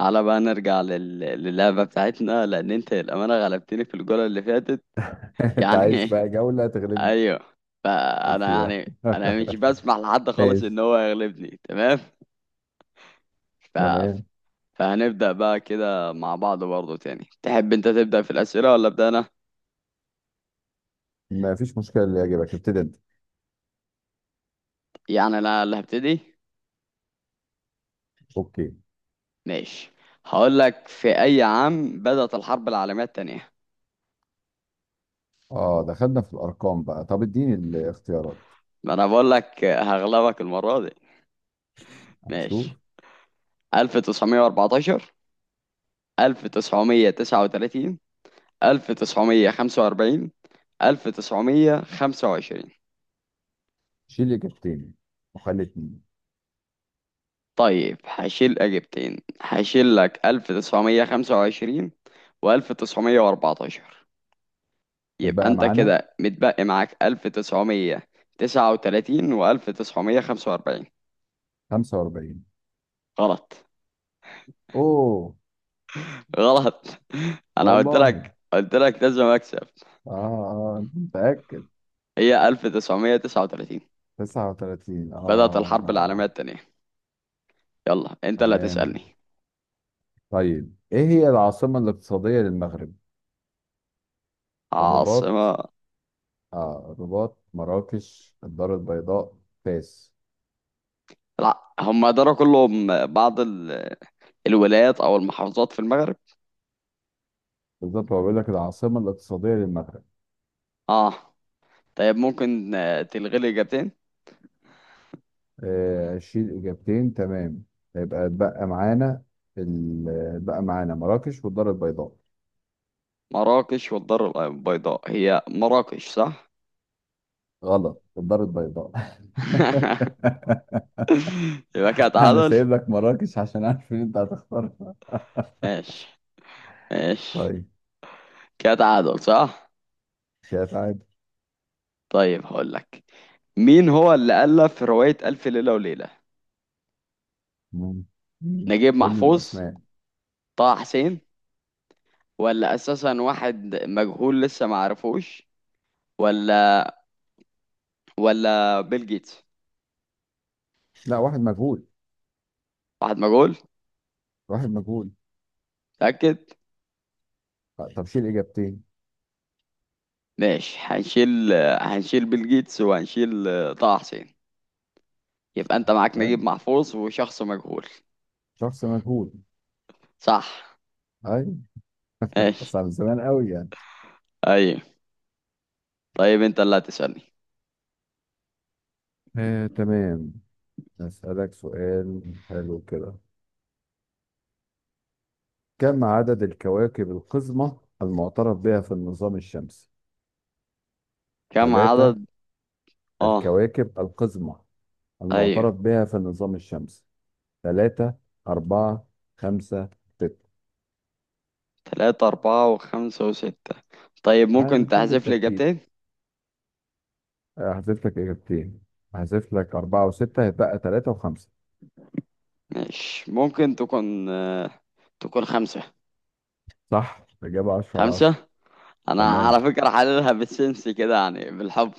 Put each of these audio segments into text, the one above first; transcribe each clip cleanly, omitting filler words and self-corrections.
على بقى نرجع للعبة بتاعتنا لأن أنت للأمانة غلبتني في الجولة اللي فاتت. انت عايز يعني بقى جولة تغلبني أيوه. فأنا فيها. يعني أنا مش بسمح لحد خالص ماشي. إن هو يغلبني. تمام. ف... تمام. فهنبدأ بقى كده مع بعض برضه تاني. تحب أنت تبدأ في الأسئلة ولا أبدأ أنا؟ ما فيش مشكلة، اللي يعجبك ابتدي انت. يعني أنا اللي هبتدي؟ اوكي. ماشي. هقول لك، في أي عام بدأت الحرب العالمية التانية؟ اه، دخلنا في الارقام بقى. طب اديني الاختيارات. ما أنا بقول لك هغلبك المرة دي. هنشوف. ماشي. 1914، 1939، 1945، 1925. شيل اجابتين وخلي اتنين. طيب هشيل إجابتين. هشيل لك 1925 وألف تسعمية وأربعتاشر. يبقى يبقى أنت معانا كده متبقي معاك 1939 وألف تسعمية خمسة وأربعين. 45. غلط. اوه. غلط. أنا قلت والله. لك قلت لك لازم أكسب. اه اه، انت متأكد؟ هي 1939 39؟ بدأت اه لا الحرب العالمية لا. التانية. يلا أنت اللي هتسألني. تمام. طيب، ايه هي العاصمة الاقتصادية للمغرب؟ الرباط؟ عاصمة. آه، الرباط، مراكش، الدار البيضاء، فاس. لا، هم داروا كلهم بعض الولايات او المحافظات في المغرب. بالظبط، هو بيقول لك العاصمة الاقتصادية للمغرب. اه. طيب ممكن تلغي لي اجابتين. آه، شيل إجابتين. تمام. يبقى ال- اتبقى معانا مراكش والدار البيضاء. مراكش والدار البيضاء. هي مراكش صح. غلط، الدار البيضاء. يبقى كده أنا تعادل. سايب لك مراكش عشان عارف إن أنت هتختارها. ماشي. ماشي. طيب. كده تعادل صح. شايف عادي. طيب هقول لك، مين هو اللي ألف رواية ألف ليلة وليلة؟ مم. نجيب قول لي محفوظ، الأسماء. طه حسين، ولا أساسا واحد مجهول لسه ما عرفوش، ولا، ولا بيل جيتس. لا، واحد مجهول. واحد مجهول. واحد مجهول. متأكد. طب شيل إجابتين. ماشي هنشيل. هنشيل بيل جيتس وهنشيل طه حسين. يبقى انت معاك فاهم؟ نجيب محفوظ وشخص مجهول. شخص مجهول. صح. أيوة. ماشي. بس على زمان قوي يعني. ايوه. طيب انت اللي هتسألني. آه، تمام. أسألك سؤال. حلو كده. كم عدد الكواكب القزمة المعترف بها في النظام الشمسي؟ كم عدد؟ ثلاثة، اه. الكواكب القزمة ايوه. المعترف بها في النظام الشمسي. ثلاثة، أربعة، خمسة، ستة. تلاتة، أربعة وخمسة وستة. طيب أنا ممكن ماشيين تحذف لي بالترتيب. إجابتين. آه، هحذف لك إجابتين. هحذف لك أربعة وستة، هيتبقى ثلاثة وخمسة. ماشي. ممكن تكون تكون خمسة. صح، إجابة 10/10. خمسة. أنا تمام. على فكرة حللها بالسنس كده يعني بالحب.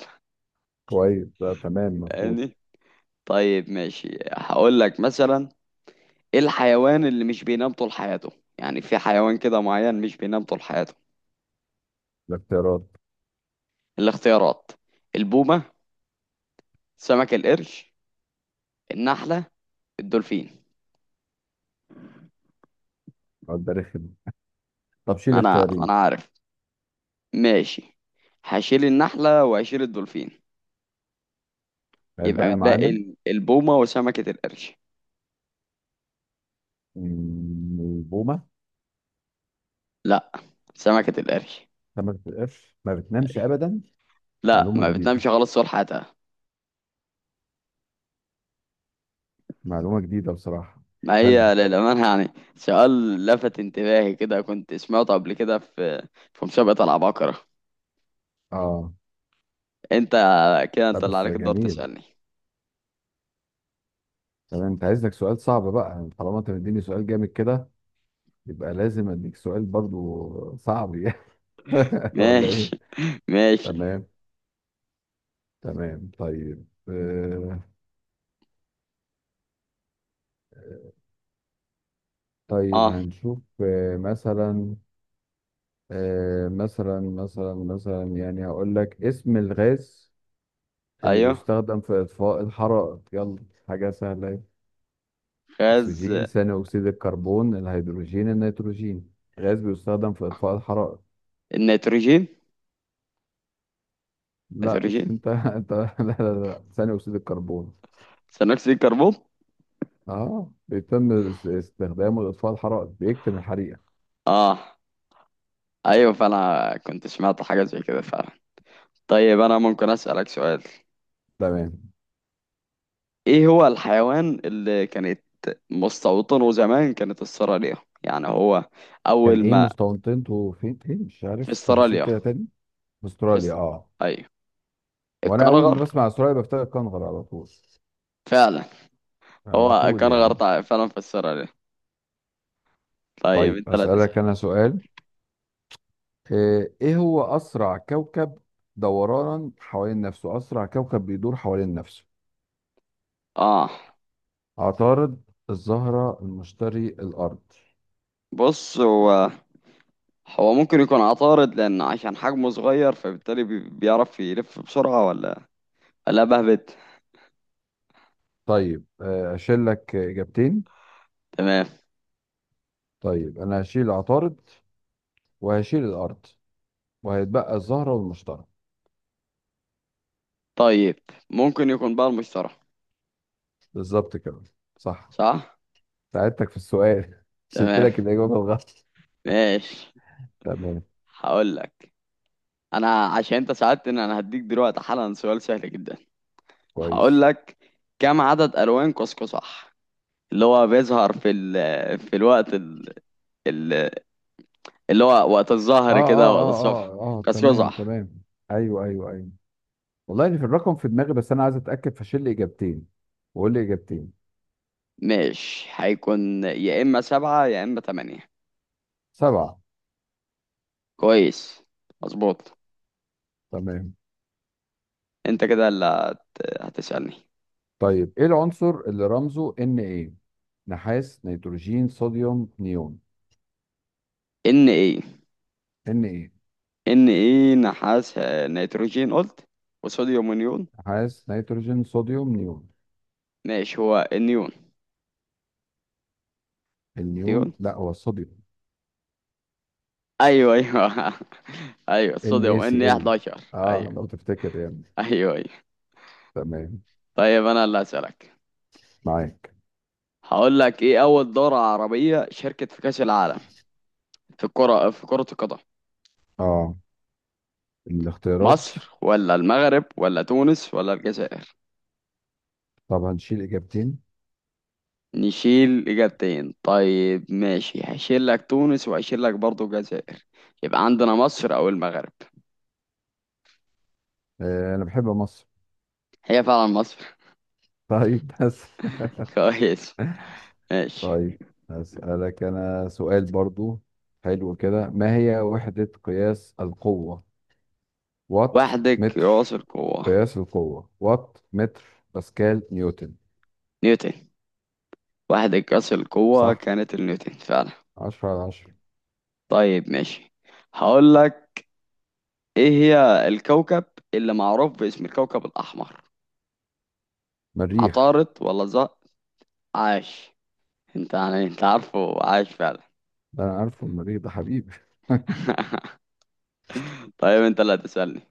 كويس، ده تمام مفروض. فاهمني؟ طيب ماشي. هقول لك مثلا، ايه الحيوان اللي مش بينام طول حياته؟ يعني في حيوان كده معين مش بينام طول حياته. الاختيارات. الاختيارات: البومة، سمك القرش، النحلة، الدولفين. السؤال ده رخم. طب شيل ما انا ما اختيارين. انا عارف. ماشي. هشيل النحلة وهشيل الدولفين. يبقى هيتبقى متبقي معانا. البومة وسمكة القرش. البومة. لا، سمكة القرش. ما بتبقاش، ما بتنامش أبدا؟ لا، معلومة ما جديدة. بتنامش خالص طول حياتها. معلومة جديدة بصراحة. ما حلو. هي للأمانة يعني سؤال لفت انتباهي كده، كنت سمعته قبل كده في في مسابقة العباقرة. اه، انت كده لا انت اللي بس عليك الدور جميل. تسألني. تمام، انت عايز لك سؤال صعب بقى، يعني طالما انت مديني سؤال جامد كده يبقى لازم اديك سؤال برضو صعب. يعني ولا ايه. ماشي. ماشي. تمام تمام. طيب اه. هنشوف مثلا آه مثلا مثلا مثلا يعني هقول لك اسم الغاز اللي ايوه. بيستخدم في إطفاء الحرائق. يلا، حاجة سهلة. غاز أكسجين، ثاني أكسيد الكربون، الهيدروجين، النيتروجين. غاز بيستخدم في إطفاء الحرائق. النيتروجين. لا نيتروجين، أنت أنت لا لا لا، ثاني أكسيد الكربون. ثاني اكسيد الكربون. أه، بيتم استخدامه لإطفاء الحرائق، بيكتم الحريقة. اه ايوه، فانا كنت سمعت حاجه زي كده فعلا. طيب انا ممكن اسالك سؤال، تمام. ايه هو الحيوان اللي كانت مستوطنه زمان كانت استراليا. يعني هو كان اول إيه ما. مستوطنته فين، مش في عارف التفاصيل استراليا. كده تاني. في في أستراليا، است... أه. ايوه. وأنا أول ما الكنغر بسمع أستراليا بفتكر كنغر على طول. فعلا. على هو طول الكنغر يعني. طيب فعلا في استراليا. طيب طيب انت لا أسألك تسال. أنا سؤال. آه، ايه هو اسرع كوكب دورانا حوالين نفسه؟ اسرع كوكب بيدور حوالين نفسه. اه. عطارد، الزهرة، المشتري، الارض. بص هو هو ممكن يكون عطارد لأن عشان حجمه صغير فبالتالي بيعرف يلف بسرعة ولا لا بهبت. طيب آه، اشيل لك اجابتين. تمام. طيب انا هشيل عطارد وهشيل الارض، وهيتبقى الزهرة والمشتري. طيب ممكن يكون بقى المشتري. بالظبط كده، صح. صح. ساعدتك في السؤال. شلت تمام. لك الاجابة الغلط. ماشي. تمام. هقول لك، أنا عشان أنت ساعدتني أنا هديك دلوقتي حالا سؤال سهل جدا. هقول كويس. لك، كم عدد ألوان قوسقزح اللي هو بيظهر في الوقت ال- اللي هو وقت اه الظهر كده اه وقت اه الصبح. اه اه، تمام قوسقزح. تمام. ايوه ايوه ايوه. والله إن في الرقم في دماغي، بس انا عايز اتاكد، فشيل لي اجابتين وقول لي اجابتين. ماشي. هيكون يا إما سبعة يا إما تمانية. سبعه. كويس مظبوط. تمام. انت كده اللي هتسألني. طيب ايه العنصر اللي رمزه ان ايه؟ نحاس، نيتروجين، صوديوم، نيون. ان ايه. ان ايه، ان ايه، نحاس نيتروجين قلت، وصوديوم ونيون. نحاس، نيتروجين، صوديوم، نيون. ماشي. هو النيون. النيون نيون. لا، هو الصوديوم. ايوه ايوه. ايوه ان، اي، الصوديوم ان سي، ال. 11. اه ايوه لو تفتكر يعني. ايوه ايوه. تمام. طيب انا اللي هسألك. معاك. هقول لك، ايه اول دورة عربية شاركت في كأس العالم في الكرة في كرة القدم؟ اه، الاختيارات. مصر ولا المغرب ولا تونس ولا الجزائر. طب هنشيل اجابتين. نشيل إجابتين. طيب ماشي. هشيل لك تونس وهشيل لك برضه الجزائر. يبقى عندنا مصر أو المغرب. آه، انا بحب مصر. هي فعلا مصر. طيب بس. كويس. ماشي. طيب هسألك أنا سؤال برضو، حلو كده. ما هي وحدة قياس القوة؟ وات، وحدة قياس متر. القوة. قياس القوة، وات، متر، باسكال، نيوتن. نيوتن. وحدة قياس القوة صح، كانت النيوتن فعلا. 10/10. طيب ماشي. هقول لك، إيه هي الكوكب اللي معروف باسم الكوكب الأحمر؟ مريخ. عطارد ولا زق. عاش. انت يعني انت عارفه. عاش فعلا. ده أنا عارفه، المريخ ده حبيبي. طيب انت اللي هتسألني.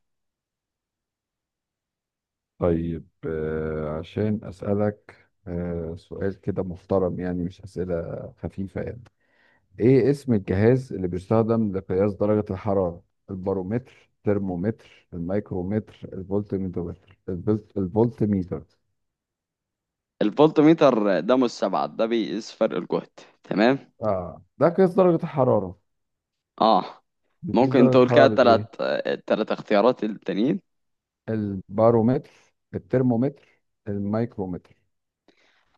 طيب عشان أسألك سؤال كده محترم يعني، مش أسئلة خفيفة يعني. ايه اسم الجهاز اللي بيستخدم لقياس درجة الحرارة؟ البارومتر، ترمومتر، الميكرومتر، الفولتميتر. الفولتميتر. الفولتميتر ده مستبعد، ده بيقيس فرق الجهد. تمام. اه، ده قياس درجة الحرارة؟ اه. بتقيس ممكن درجة تقول كده الحرارة بالايه. تلات اختيارات التانيين. البارومتر، الترمومتر، الميكرومتر.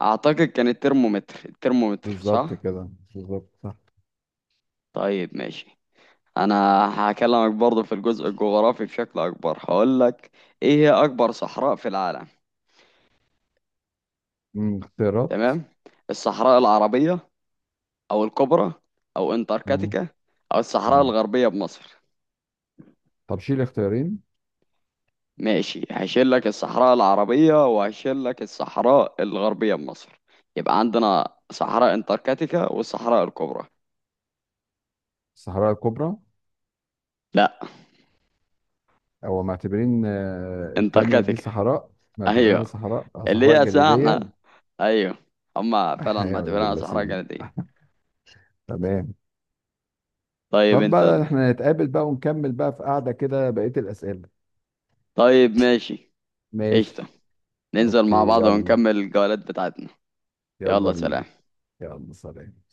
اعتقد كان الترمومتر. الترمومتر بالظبط صح. كده، بالظبط، صح. طيب ماشي. انا هكلمك برضه في الجزء الجغرافي بشكل اكبر. هقول لك، ايه هي اكبر صحراء في العالم؟ اختيارات. تمام. الصحراء العربية او الكبرى او مم، انتاركتيكا او الصحراء مم. الغربية بمصر. طب شيل اختيارين. ماشي. هشيل لك الصحراء العربية وهشيل لك الصحراء الغربية بمصر. يبقى عندنا صحراء انتاركتيكا والصحراء الكبرى. الصحراء الكبرى. لا، او معتبرين التانية دي انتاركتيكا. صحراء؟ معتبرينها ايوه. صحراء آه، اللي صحراء هي أساسا جليدية. احنا. ايوه. هما فعلا يا ولاد معتبرينها صحراء اللذين. جنوبية. تمام. طيب طب بقى احنا نتقابل بقى ونكمل بقى في قعدة كده بقية الأسئلة. طيب ماشي. قشطة. ماشي. ننزل اوكي مع بعض يلا. ونكمل الجولات بتاعتنا. يلا يلا بينا. سلام. يلا سلام.